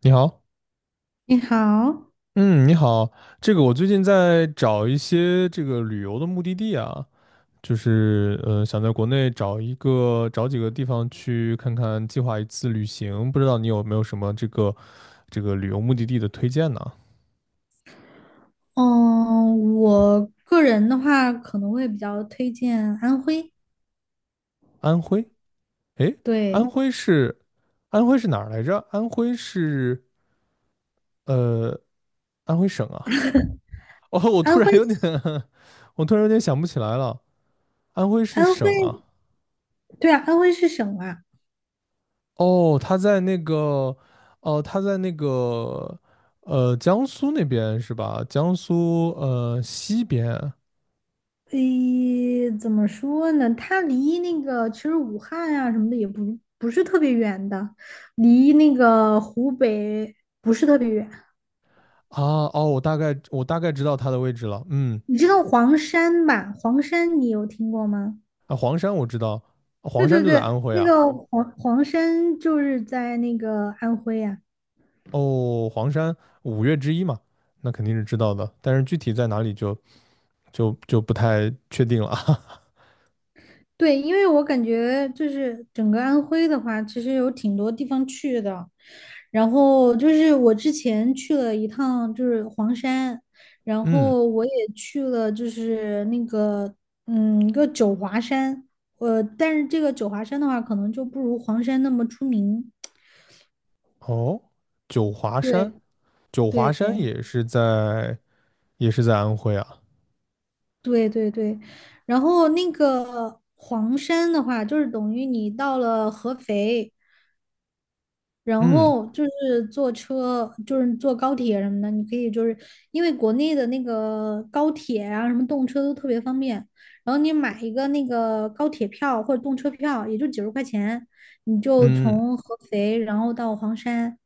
你好。你好，嗯，你好。我最近在找一些旅游的目的地啊，想在国内找几个地方去看看，计划一次旅行，不知道你有没有什么这个旅游目的地的推荐呢？嗯，我个人的话，可能会比较推荐安徽。安徽，诶，安对，徽是安徽是哪儿来着？安徽是呃安徽省啊。哦，我突安然徽，有点 我突然有点想不起来了，安徽是安省啊。徽，对啊，安徽是省啊。哦，他在那个，哦，他在那个，江苏那边是吧？江苏西边啊。诶，怎么说呢？它离那个其实武汉啊什么的也不是特别远的，离那个湖北不是特别远。哦，我大概知道他的位置了。嗯。你知道黄山吧？黄山你有听过吗？啊，黄山我知道，对黄山对就在对，安徽那啊。个黄山就是在那个安徽啊。哦，黄山五岳之一嘛，那肯定是知道的，但是具体在哪里就就不太确定了。对，因为我感觉就是整个安徽的话，其实有挺多地方去的。然后就是我之前去了一趟，就是黄山，然嗯。后我也去了，就是那个一个九华山。但是这个九华山的话，可能就不如黄山那么出名。哦，九华山，对九华对山也是在也是在安徽啊。对对对，然后那个黄山的话，就是等于你到了合肥，然嗯后就是坐车，就是坐高铁什么的，你可以就是因为国内的那个高铁啊，什么动车都特别方便。然后你买一个那个高铁票或者动车票，也就几十块钱，你就嗯。嗯。 从合肥然后到黄山，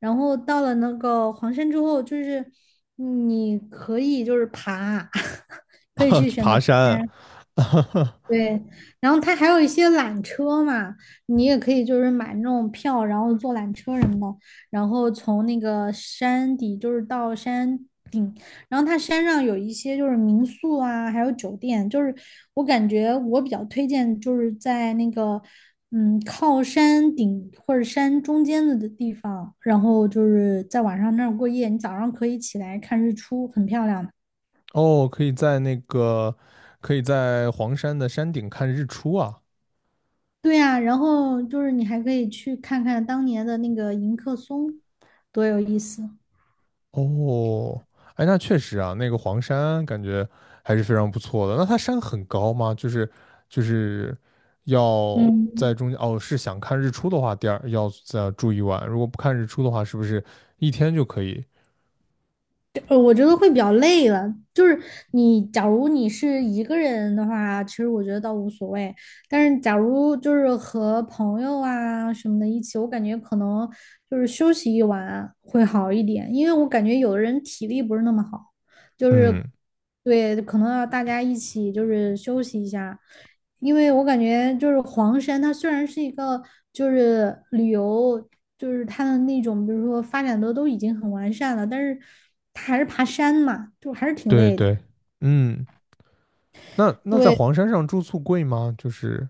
然后到了那个黄山之后，就是你可以就是爬，可以啊，去去选择爬爬山。山。对，然后它还有一些缆车嘛，你也可以就是买那种票，然后坐缆车什么的，然后从那个山底就是到山，然后它山上有一些就是民宿啊，还有酒店，就是我感觉我比较推荐就是在那个靠山顶或者山中间的地方，然后就是在晚上那儿过夜，你早上可以起来看日出，很漂亮的。哦，可以在那个，可以在黄山的山顶看日出啊。对呀，然后就是你还可以去看看当年的那个迎客松，多有意思。哦，哎，那确实啊，那个黄山感觉还是非常不错的。那它山很高吗？就是要嗯，在中间，哦，是想看日出的话，第二要再住一晚。如果不看日出的话，是不是一天就可以？我觉得会比较累了。就是你，假如你是一个人的话，其实我觉得倒无所谓。但是假如就是和朋友啊什么的一起，我感觉可能就是休息一晚会好一点，因为我感觉有的人体力不是那么好。就嗯。是对，可能要大家一起就是休息一下，因为我感觉就是黄山，它虽然是一个就是旅游，就是它的那种，比如说发展的都已经很完善了，但是它还是爬山嘛，就还是挺对累的。对。嗯，那那在对，黄山上住宿贵吗？就是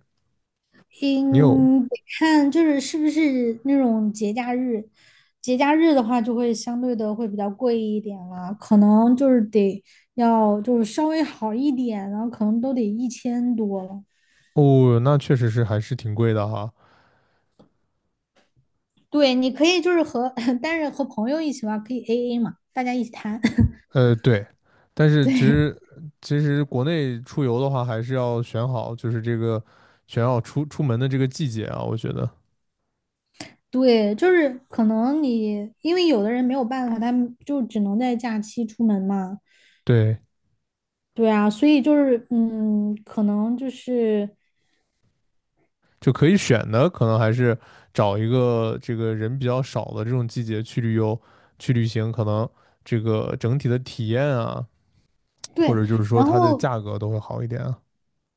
你有？嗯，得看就是是不是那种节假日，节假日的话就会相对的会比较贵一点了，可能就是得要就是稍微好一点，然后可能都得一千多了。哦，那确实是还是挺贵的哈。对，你可以就是和，但是和朋友一起玩可以 AA 嘛，大家一起摊。呃，对，但是其实国内出游的话，还是要选好，就是这个选好出门的这个季节啊，我觉得对，就是可能你因为有的人没有办法，他们就只能在假期出门嘛。对，对啊，所以就是可能就是就可以选的，可能还是找一个这个人比较少的这种季节去旅行，可能这个整体的体验啊，或对，者就是说然它的后价格都会好一点啊。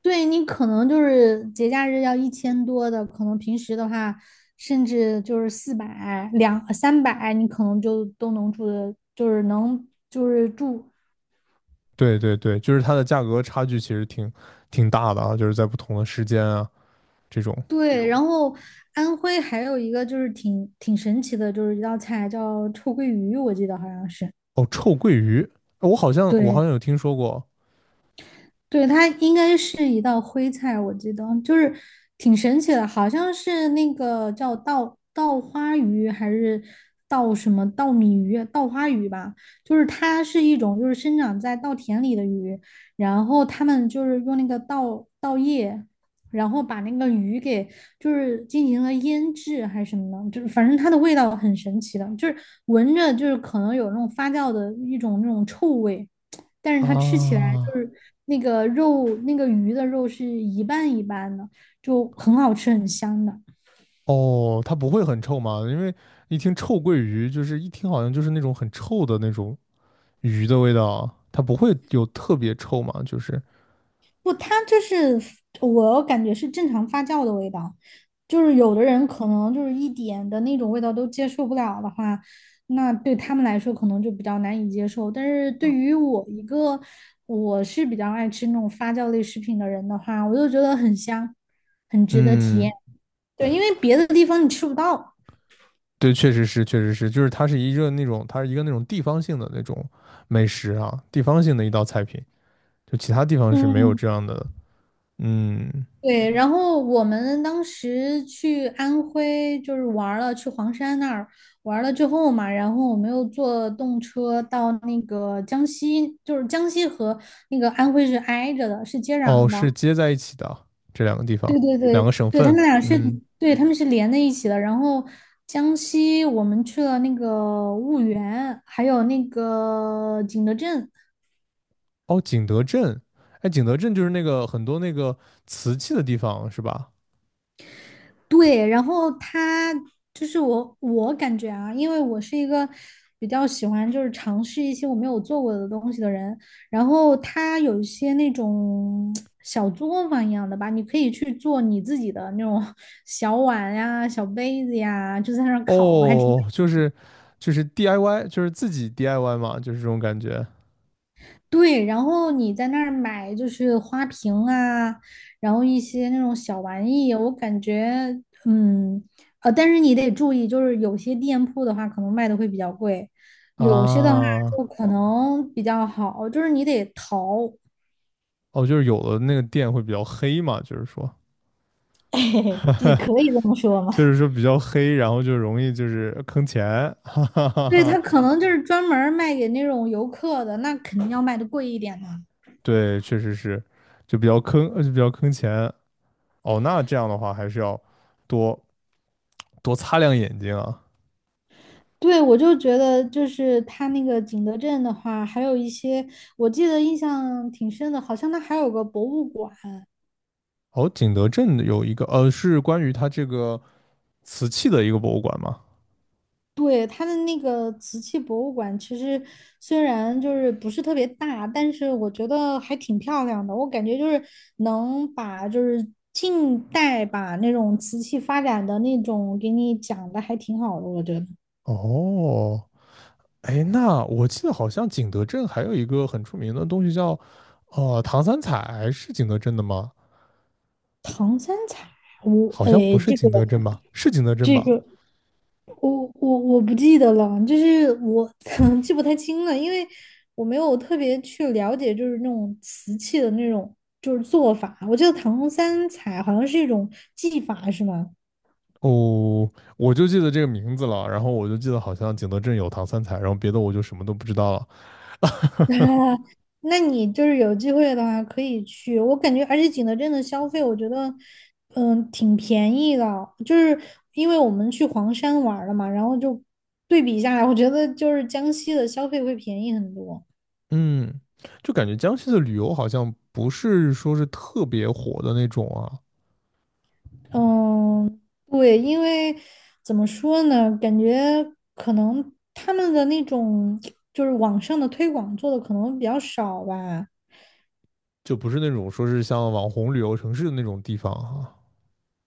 对你可能就是节假日要一千多的，可能平时的话甚至就是400、两三百，你可能就都能住的，就是能就是住对对对，就是它的价格差距其实挺大的啊，就是在不同的时间啊这种。这对，种然后安徽还有一个就是挺神奇的，就是一道菜叫臭鳜鱼，我记得好像是。哦，臭鳜鱼，我好对，像有听说过对，它应该是一道徽菜，我记得就是挺神奇的，好像是那个叫稻花鱼还是稻什么稻米鱼、稻花鱼吧，就是它是一种就是生长在稻田里的鱼，然后他们就是用那个稻叶，然后把那个鱼给就是进行了腌制还是什么的，就是反正它的味道很神奇的，就是闻着就是可能有那种发酵的一种那种臭味。但是它吃起来就啊。是那个肉，那个鱼的肉是一半一半的，就很好吃，很香的。哦，它不会很臭吗？因为一听臭鳜鱼，就是一听好像就是那种很臭的那种鱼的味道，它不会有特别臭嘛？就是不，它就是我感觉是正常发酵的味道，就是有的人可能就是一点的那种味道都接受不了的话，那对他们来说可能就比较难以接受。但是对啊，于我一个我是比较爱吃那种发酵类食品的人的话，我就觉得很香，很值得体嗯，验。对，因为别的地方你吃不到。对，确实是，就是它是一个那种，它是一个那种地方性的那种美食啊，地方性的一道菜品，就其他地方是没有嗯，这样的。嗯。对，然后我们当时去安徽就是玩儿了，去黄山那儿玩儿了之后嘛，然后我们又坐动车到那个江西，就是江西和那个安徽是挨着的，是接哦，壤是的。接在一起的啊这两个地方，对对两个对，省对，他份。们俩是，嗯。对，他们是连在一起的。然后江西我们去了那个婺源，还有那个景德镇。哦，景德镇，哎，景德镇就是那个很多那个瓷器的地方是吧？对，然后他就是我感觉啊，因为我是一个比较喜欢就是尝试一些我没有做过的东西的人，然后他有一些那种小作坊一样的吧，你可以去做你自己的那种 小碗呀、小杯子呀，就在那儿烤，还挺。哦，就是 DIY，就是自己 DIY 嘛，就是这种感觉对，然后你在那儿买就是花瓶啊，然后一些那种小玩意，我感觉，但是你得注意，就是有些店铺的话，可能卖的会比较贵，有些的话啊。就可能比较好，就是你得淘，哦，就是有的那个店会比较黑嘛，就是说，也可 以这么说嘛。就是说比较黑，然后就容易就是坑钱，哈哈哈对，哈。他可能就是专门儿卖给那种游客的，那肯定要卖的贵一点的。对，确实是，就比较坑，就比较坑钱。哦，那这样的话还是要多多擦亮眼睛啊。对，我就觉得就是他那个景德镇的话，还有一些我记得印象挺深的，好像他还有个博物馆。哦，景德镇有一个，呃，是关于它这个瓷器的一个博物馆嘛。对，他的那个瓷器博物馆，其实虽然就是不是特别大，但是我觉得还挺漂亮的。我感觉就是能把就是近代吧那种瓷器发展的那种给你讲的还挺好的，我觉得。哦，哎，那我记得好像景德镇还有一个很出名的东西叫，呃，唐三彩，是景德镇的吗？唐三彩，我好像哎，不是这个景德镇吧？是景德镇这吧？个。我不记得了，就是我 记不太清了，因为我没有特别去了解，就是那种瓷器的那种就是做法。我记得唐红三彩好像是一种技法，是吗？哦，我就记得这个名字了，然后我就记得好像景德镇有唐三彩，然后别的我就什么都不知道了。那你就是有机会的话可以去，我感觉而且景德镇的消费，我觉得挺便宜的，就是因为我们去黄山玩儿了嘛，然后就对比下来，我觉得就是江西的消费会便宜很多。嗯，就感觉江西的旅游好像不是说是特别火的那种啊，嗯，对，因为怎么说呢，感觉可能他们的那种就是网上的推广做的可能比较少吧。就不是那种说是像网红旅游城市的那种地方啊。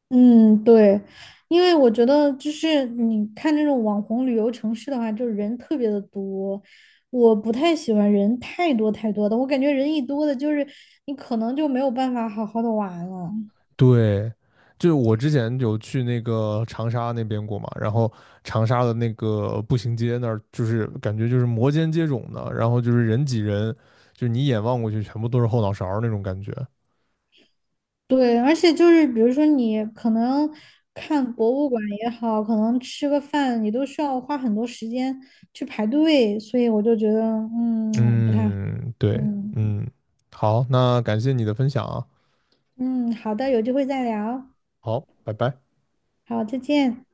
嗯，对，因为我觉得就是你看这种网红旅游城市的话，就是人特别的多，我不太喜欢人太多太多的，我感觉人一多的，就是你可能就没有办法好好的玩了。对，就是我之前有去那个长沙那边过嘛，然后长沙的那个步行街那儿，就是感觉就是摩肩接踵的，然后就是人挤人，就是你一眼望过去全部都是后脑勺儿那种感觉。对，而且就是比如说你可能看博物馆也好，可能吃个饭，你都需要花很多时间去排队，所以我就觉得，不太好。嗯，对。嗯嗯，好，那感谢你的分享啊。嗯，好的，有机会再聊。好，拜拜。好，再见。